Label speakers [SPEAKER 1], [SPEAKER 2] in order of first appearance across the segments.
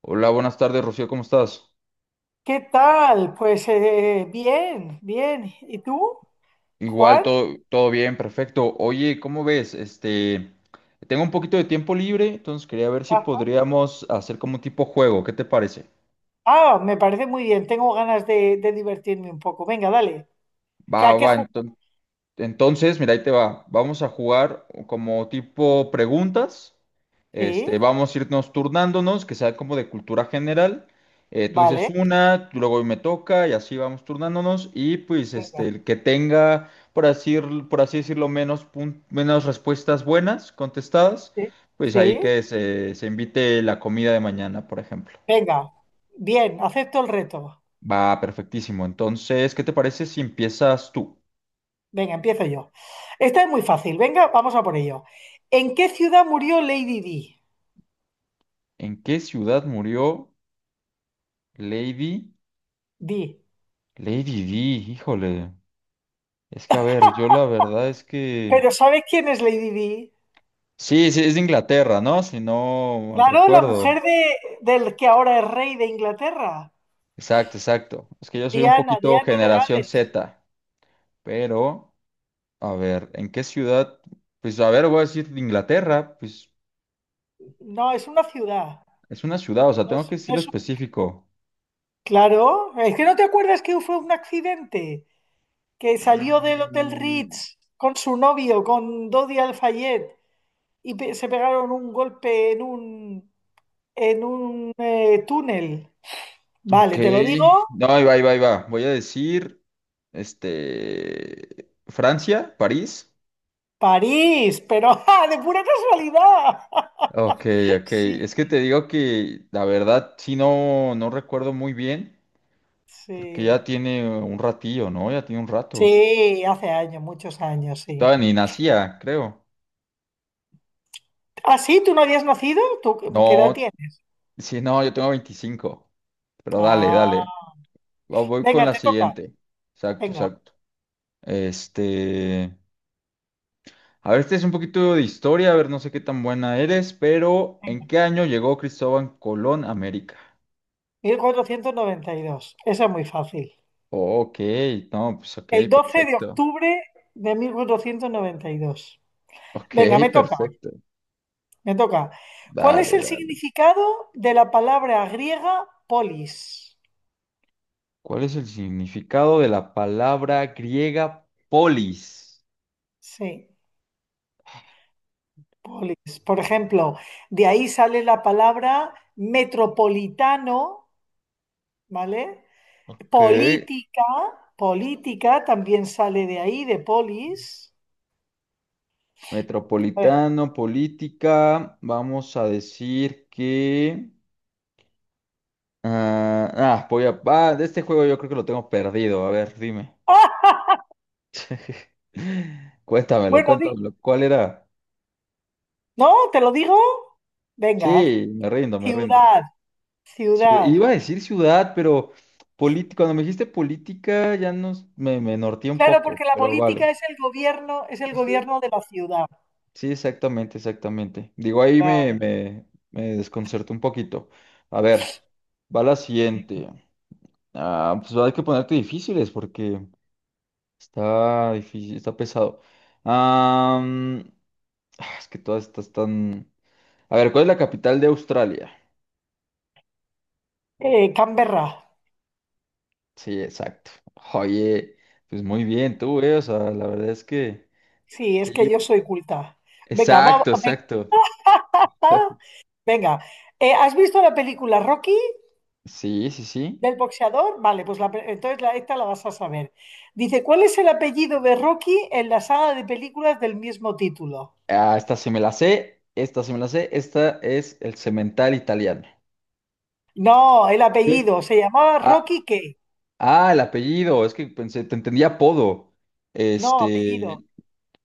[SPEAKER 1] Hola, buenas tardes, Rocío, ¿cómo estás?
[SPEAKER 2] ¿Qué tal? Pues bien, bien. ¿Y tú,
[SPEAKER 1] Igual,
[SPEAKER 2] Juan?
[SPEAKER 1] todo bien, perfecto. Oye, ¿cómo ves? Tengo un poquito de tiempo libre, entonces quería ver si
[SPEAKER 2] Ah,
[SPEAKER 1] podríamos hacer como un tipo juego, ¿qué te parece?
[SPEAKER 2] ah, me parece muy bien. Tengo ganas de divertirme un poco. Venga, dale. ¿Qué?
[SPEAKER 1] Va,
[SPEAKER 2] ¿A qué
[SPEAKER 1] va,
[SPEAKER 2] jugar?
[SPEAKER 1] entonces. Entonces, mira, ahí te va. Vamos a jugar como tipo preguntas.
[SPEAKER 2] Sí,
[SPEAKER 1] Vamos a irnos turnándonos, que sea como de cultura general. Tú dices
[SPEAKER 2] vale.
[SPEAKER 1] una, luego me toca y así vamos turnándonos. Y pues
[SPEAKER 2] Venga,
[SPEAKER 1] el que tenga, por así decirlo, menos, menos respuestas buenas contestadas,
[SPEAKER 2] sí,
[SPEAKER 1] pues ahí
[SPEAKER 2] sí.
[SPEAKER 1] que se invite la comida de mañana, por ejemplo.
[SPEAKER 2] Venga, bien, acepto el reto.
[SPEAKER 1] Va, perfectísimo. Entonces, ¿qué te parece si empiezas tú?
[SPEAKER 2] Venga, empiezo yo. Esta es muy fácil. Venga, vamos a por ello. ¿En qué ciudad murió Lady Di?
[SPEAKER 1] ¿En qué ciudad murió Lady?
[SPEAKER 2] Di.
[SPEAKER 1] Lady D, híjole. Es que, a ver, yo la verdad es que...
[SPEAKER 2] ¿Pero sabes quién es Lady Di?
[SPEAKER 1] Sí, sí, es de Inglaterra, ¿no? Si no mal
[SPEAKER 2] Claro, la
[SPEAKER 1] recuerdo.
[SPEAKER 2] mujer de, del que ahora es rey de Inglaterra.
[SPEAKER 1] Exacto, exacto. Es que yo soy un
[SPEAKER 2] Diana,
[SPEAKER 1] poquito
[SPEAKER 2] Diana de
[SPEAKER 1] generación
[SPEAKER 2] Gales.
[SPEAKER 1] Z, pero, a ver, ¿en qué ciudad? Pues, a ver, voy a decir de Inglaterra, pues
[SPEAKER 2] No, es una ciudad.
[SPEAKER 1] es una ciudad, o sea,
[SPEAKER 2] No
[SPEAKER 1] tengo
[SPEAKER 2] es,
[SPEAKER 1] que
[SPEAKER 2] no
[SPEAKER 1] decirlo
[SPEAKER 2] es un-
[SPEAKER 1] específico.
[SPEAKER 2] Claro, es que no te acuerdas que fue un accidente, que salió del Hotel
[SPEAKER 1] Mm.
[SPEAKER 2] Ritz con su novio, con Dodi Al-Fayed, y se pegaron un golpe en un túnel.
[SPEAKER 1] Ok.
[SPEAKER 2] Vale, te lo digo,
[SPEAKER 1] No, ahí va, ahí va, ahí va. Voy a decir, Francia, París.
[SPEAKER 2] París, pero ¡ja!, de pura casualidad.
[SPEAKER 1] Ok, ok.
[SPEAKER 2] Sí,
[SPEAKER 1] Es que te digo que la verdad sí no recuerdo muy bien, porque ya
[SPEAKER 2] sí.
[SPEAKER 1] tiene un ratillo, ¿no? Ya tiene un rato.
[SPEAKER 2] Sí, hace años, muchos años, sí.
[SPEAKER 1] Estaba ni nacía, creo.
[SPEAKER 2] Ah, sí, ¿tú no habías nacido? ¿Tú qué edad
[SPEAKER 1] No,
[SPEAKER 2] tienes?
[SPEAKER 1] sí, no, yo tengo 25. Pero dale, dale.
[SPEAKER 2] Ah,
[SPEAKER 1] Voy con
[SPEAKER 2] venga,
[SPEAKER 1] la
[SPEAKER 2] te toca.
[SPEAKER 1] siguiente. Exacto,
[SPEAKER 2] Venga.
[SPEAKER 1] exacto. Este. A ver, este es un poquito de historia, a ver, no sé qué tan buena eres, pero ¿en qué año llegó Cristóbal Colón a América?
[SPEAKER 2] 1492. Eso es muy fácil.
[SPEAKER 1] Ok, no, pues ok,
[SPEAKER 2] El doce de
[SPEAKER 1] perfecto.
[SPEAKER 2] octubre de mil cuatrocientos noventa y dos
[SPEAKER 1] Ok,
[SPEAKER 2] Venga, me toca,
[SPEAKER 1] perfecto.
[SPEAKER 2] me toca. ¿Cuál es
[SPEAKER 1] Dale,
[SPEAKER 2] el
[SPEAKER 1] dale.
[SPEAKER 2] significado de la palabra griega polis?
[SPEAKER 1] ¿Cuál es el significado de la palabra griega polis?
[SPEAKER 2] Sí, polis. Por ejemplo, de ahí sale la palabra metropolitano, ¿vale?
[SPEAKER 1] Ok.
[SPEAKER 2] Política, política también sale de ahí, de polis. A ver.
[SPEAKER 1] Metropolitano, política. Vamos a decir que... voy a... ah, de este juego yo creo que lo tengo perdido. A ver, dime.
[SPEAKER 2] ¡Ah!
[SPEAKER 1] Cuéntamelo,
[SPEAKER 2] Bueno,
[SPEAKER 1] cuéntamelo. ¿Cuál era?
[SPEAKER 2] ¿no? ¿Te lo digo? Venga,
[SPEAKER 1] Sí, me rindo, me rindo.
[SPEAKER 2] Ciudad,
[SPEAKER 1] Iba
[SPEAKER 2] ciudad.
[SPEAKER 1] a decir ciudad, pero política, cuando me dijiste política ya me norteé un
[SPEAKER 2] Claro,
[SPEAKER 1] poco,
[SPEAKER 2] porque la
[SPEAKER 1] pero vale.
[SPEAKER 2] política es el
[SPEAKER 1] Pues sí.
[SPEAKER 2] gobierno de la ciudad.
[SPEAKER 1] Sí, exactamente, exactamente. Digo, ahí
[SPEAKER 2] Claro.
[SPEAKER 1] me desconcertó un poquito. A ver, va la siguiente. Ah, pues va a haber que ponerte difíciles porque está difícil, está pesado. Am, es que todas estas están... A ver, ¿cuál es la capital de Australia?
[SPEAKER 2] Canberra.
[SPEAKER 1] Sí, exacto. Oye, pues muy bien tú, eh. O sea, la verdad es que...
[SPEAKER 2] Sí, es
[SPEAKER 1] Sí,
[SPEAKER 2] que yo soy culta. Venga, vamos.
[SPEAKER 1] exacto, exacto.
[SPEAKER 2] Venga. ¿Has visto la película Rocky
[SPEAKER 1] Sí, sí, sí.
[SPEAKER 2] del boxeador? Vale, pues la pe- entonces la- esta la vas a saber. Dice, ¿cuál es el apellido de Rocky en la saga de películas del mismo título?
[SPEAKER 1] Ah, esta sí me la sé, esta sí me la sé, esta es el cemental italiano.
[SPEAKER 2] No, el
[SPEAKER 1] ¿Qué?
[SPEAKER 2] apellido. ¿Se llamaba
[SPEAKER 1] Ah,
[SPEAKER 2] Rocky qué?
[SPEAKER 1] el apellido, es que pensé, te entendía apodo.
[SPEAKER 2] No,
[SPEAKER 1] Este,
[SPEAKER 2] apellido.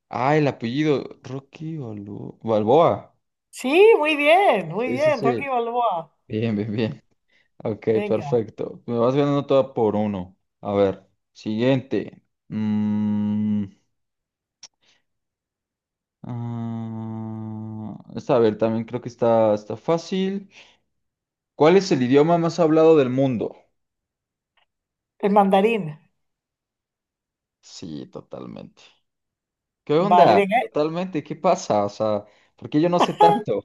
[SPEAKER 1] el apellido, Rocky Balboa.
[SPEAKER 2] Sí, muy
[SPEAKER 1] Sí, sí,
[SPEAKER 2] bien, Rocky
[SPEAKER 1] sí.
[SPEAKER 2] Balboa.
[SPEAKER 1] Bien, bien, bien. Ok,
[SPEAKER 2] Venga,
[SPEAKER 1] perfecto. Me vas ganando toda por uno. A ver, siguiente. Mm, esta, a ver, también creo que está, está fácil. ¿Cuál es el idioma más hablado del mundo?
[SPEAKER 2] el mandarín.
[SPEAKER 1] Sí, totalmente. ¿Qué
[SPEAKER 2] Vale,
[SPEAKER 1] onda?
[SPEAKER 2] venga.
[SPEAKER 1] Totalmente, ¿qué pasa? O sea, ¿por qué yo no sé tanto?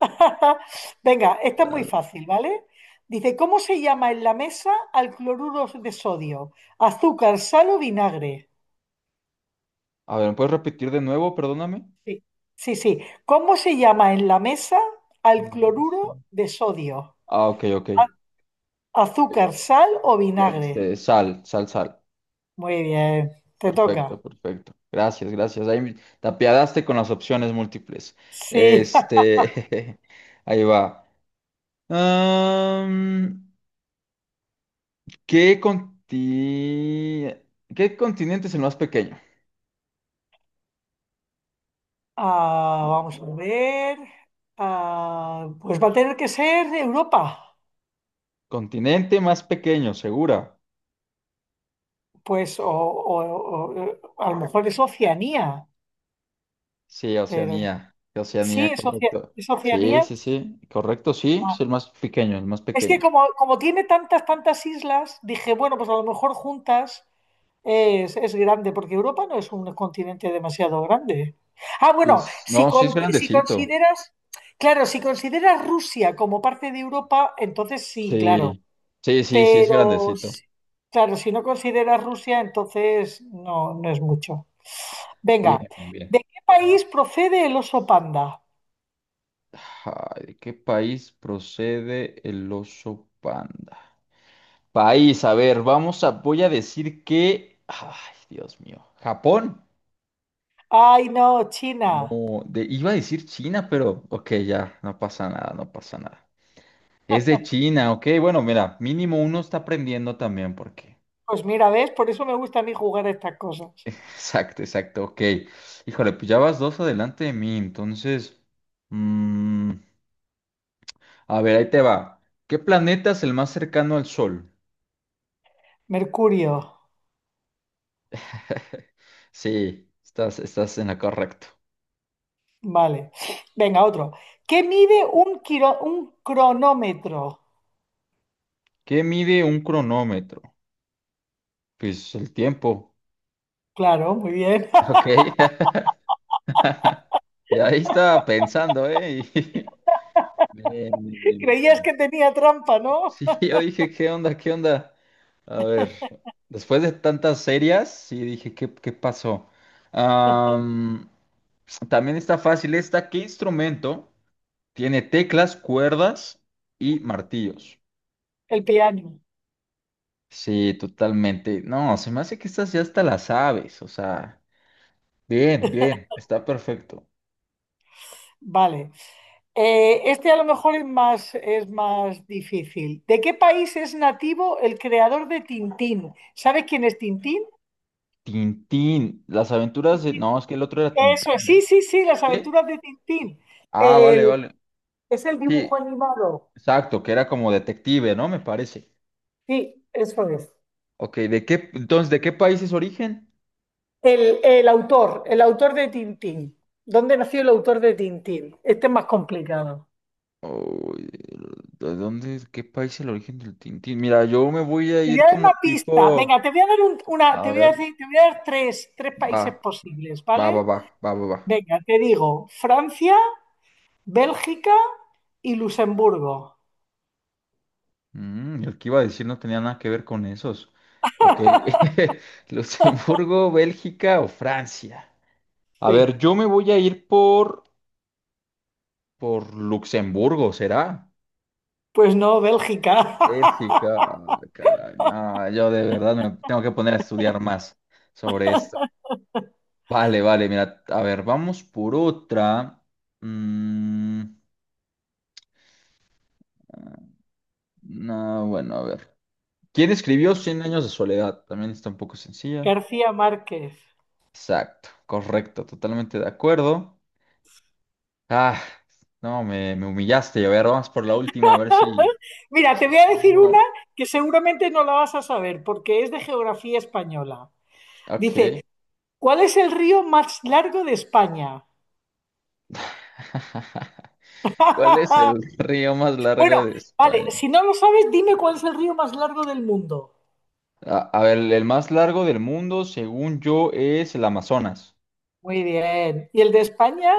[SPEAKER 2] Venga, esta es muy
[SPEAKER 1] Dale.
[SPEAKER 2] fácil, ¿vale? Dice, ¿cómo se llama en la mesa al cloruro de sodio? ¿Azúcar, sal o vinagre?
[SPEAKER 1] A ver, ¿me puedes repetir de nuevo? Perdóname.
[SPEAKER 2] Sí, sí, sí. ¿Cómo se llama en la mesa al
[SPEAKER 1] No, no sé.
[SPEAKER 2] cloruro de sodio?
[SPEAKER 1] Ah, ok, ok.
[SPEAKER 2] A- ¿Azúcar, sal o vinagre?
[SPEAKER 1] Sal, sal, sal.
[SPEAKER 2] Muy bien, te
[SPEAKER 1] Perfecto,
[SPEAKER 2] toca.
[SPEAKER 1] perfecto. Gracias, gracias. Ahí te apiadaste con las opciones múltiples.
[SPEAKER 2] Sí.
[SPEAKER 1] Este, ahí va. Am, ¿qué conti- ¿Qué continente es el más pequeño?
[SPEAKER 2] Ah, vamos a ver. Ah, pues va a tener que ser Europa.
[SPEAKER 1] Continente más pequeño, segura.
[SPEAKER 2] Pues, a lo mejor es Oceanía,
[SPEAKER 1] Sí,
[SPEAKER 2] pero
[SPEAKER 1] Oceanía.
[SPEAKER 2] sí,
[SPEAKER 1] Oceanía, correcto.
[SPEAKER 2] es
[SPEAKER 1] Sí,
[SPEAKER 2] Oceanía.
[SPEAKER 1] sí, sí. Correcto, sí.
[SPEAKER 2] Ah,
[SPEAKER 1] Es el más pequeño, el más
[SPEAKER 2] es que
[SPEAKER 1] pequeño.
[SPEAKER 2] como, como tiene tantas, tantas islas, dije, bueno, pues a lo mejor juntas es grande, porque Europa no es un continente demasiado grande. Ah, bueno,
[SPEAKER 1] Luis. No, sí es
[SPEAKER 2] si
[SPEAKER 1] grandecito.
[SPEAKER 2] consideras, claro, si consideras Rusia como parte de Europa, entonces sí, claro.
[SPEAKER 1] Sí. Sí, sí, sí es
[SPEAKER 2] Pero,
[SPEAKER 1] grandecito.
[SPEAKER 2] si- claro, si no consideras Rusia, entonces no, no es mucho.
[SPEAKER 1] Bien,
[SPEAKER 2] Venga,
[SPEAKER 1] bien, bien.
[SPEAKER 2] ¿de qué país procede el oso panda?
[SPEAKER 1] Ay, ¿de qué país procede el oso panda? País, a ver, voy a decir que, ay, Dios mío, Japón.
[SPEAKER 2] Ay, no, China.
[SPEAKER 1] No, iba a decir China, pero, ok, ya, no pasa nada, no pasa nada. Es de China, ok. Bueno, mira, mínimo uno está aprendiendo también porque.
[SPEAKER 2] Pues mira, ¿ves? Por eso me gusta a mí jugar a estas cosas.
[SPEAKER 1] Exacto, exacto, ok. Híjole, pues ya vas dos adelante de mí, entonces... mm, a ver, ahí te va. ¿Qué planeta es el más cercano al Sol?
[SPEAKER 2] Mercurio.
[SPEAKER 1] Sí, estás en la correcto.
[SPEAKER 2] Vale. Venga, otro. ¿Qué mide un, un cronómetro?
[SPEAKER 1] ¿Qué mide un cronómetro? Pues el tiempo.
[SPEAKER 2] Claro, muy bien.
[SPEAKER 1] Ok. Y ahí estaba pensando, ¿eh? Bien, bien, bien, bien,
[SPEAKER 2] Creías
[SPEAKER 1] bien.
[SPEAKER 2] que tenía trampa, ¿no?
[SPEAKER 1] Sí, yo dije, ¿qué onda? ¿Qué onda? A ver, después de tantas series, sí dije, ¿qué pasó? Am, también está fácil esta. ¿Qué instrumento tiene teclas, cuerdas y martillos?
[SPEAKER 2] El piano.
[SPEAKER 1] Sí, totalmente. No, se me hace que estas ya hasta las sabes. O sea, bien, bien, está perfecto.
[SPEAKER 2] Vale. Este a lo mejor es más difícil. ¿De qué país es nativo el creador de Tintín? ¿Sabes quién es Tintín?
[SPEAKER 1] Tintín, las aventuras de... No, es que el otro era Tintán.
[SPEAKER 2] Eso es,
[SPEAKER 1] ¿No?
[SPEAKER 2] sí, sí, sí, las
[SPEAKER 1] ¿Qué?
[SPEAKER 2] aventuras de Tintín.
[SPEAKER 1] Ah, vale,
[SPEAKER 2] El-
[SPEAKER 1] vale.
[SPEAKER 2] es el dibujo
[SPEAKER 1] Sí,
[SPEAKER 2] animado.
[SPEAKER 1] exacto, que era como detective, ¿no? Me parece.
[SPEAKER 2] Sí, eso es.
[SPEAKER 1] Ok, entonces, ¿de qué país es origen?
[SPEAKER 2] El autor de Tintín. ¿Dónde nació el autor de Tintín? Este es más complicado.
[SPEAKER 1] Uy, ¿qué país es el origen del Tintín? Mira, yo me voy a
[SPEAKER 2] Te voy
[SPEAKER 1] ir
[SPEAKER 2] a dar
[SPEAKER 1] como
[SPEAKER 2] una pista. Venga,
[SPEAKER 1] tipo,
[SPEAKER 2] te voy a dar un- una, te
[SPEAKER 1] a
[SPEAKER 2] voy a
[SPEAKER 1] ver,
[SPEAKER 2] decir, te voy a dar tres, tres
[SPEAKER 1] va,
[SPEAKER 2] países posibles,
[SPEAKER 1] va, va,
[SPEAKER 2] ¿vale?
[SPEAKER 1] va, va.
[SPEAKER 2] Venga, te digo, Francia, Bélgica y Luxemburgo.
[SPEAKER 1] Mm, el que iba a decir no tenía nada que ver con esos. Ok, Luxemburgo, Bélgica o Francia. A ver,
[SPEAKER 2] Sí.
[SPEAKER 1] yo me voy a ir por Luxemburgo, ¿será?
[SPEAKER 2] Pues no, Bélgica.
[SPEAKER 1] Bélgica, ah, caray, no, yo de verdad me tengo que poner a estudiar más sobre esto. Vale, vale, mira, a ver, vamos por otra. Mm, no, bueno, a ver. ¿Quién escribió Cien años de soledad? También está un poco sencilla.
[SPEAKER 2] García Márquez.
[SPEAKER 1] Exacto, correcto, totalmente de acuerdo. Ah, no, me humillaste. A ver, vamos por la última, a ver si...
[SPEAKER 2] Mira, te voy
[SPEAKER 1] si
[SPEAKER 2] a decir una
[SPEAKER 1] mínimo-
[SPEAKER 2] que seguramente no la vas a saber porque es de geografía española.
[SPEAKER 1] Ok.
[SPEAKER 2] Dice, ¿cuál es el río más largo de España?
[SPEAKER 1] ¿Cuál es el río más
[SPEAKER 2] Bueno,
[SPEAKER 1] largo de
[SPEAKER 2] vale,
[SPEAKER 1] España?
[SPEAKER 2] si no lo sabes, dime cuál es el río más largo del mundo.
[SPEAKER 1] A ver, el más largo del mundo, según yo, es el Amazonas.
[SPEAKER 2] Muy bien. ¿Y el de España?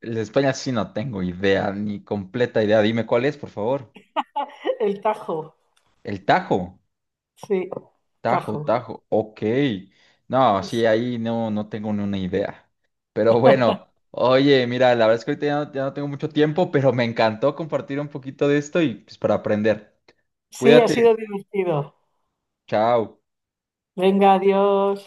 [SPEAKER 1] El de España sí no tengo idea, ni completa idea. Dime cuál es, por favor.
[SPEAKER 2] El Tajo.
[SPEAKER 1] El Tajo.
[SPEAKER 2] Sí,
[SPEAKER 1] Tajo,
[SPEAKER 2] Tajo.
[SPEAKER 1] Tajo. Ok. No, sí,
[SPEAKER 2] Sí,
[SPEAKER 1] ahí no, no tengo ni una idea. Pero bueno, oye, mira, la verdad es que ahorita ya no tengo mucho tiempo, pero me encantó compartir un poquito de esto y pues para aprender.
[SPEAKER 2] sí, ha
[SPEAKER 1] Cuídate.
[SPEAKER 2] sido divertido.
[SPEAKER 1] Chao.
[SPEAKER 2] Venga, adiós.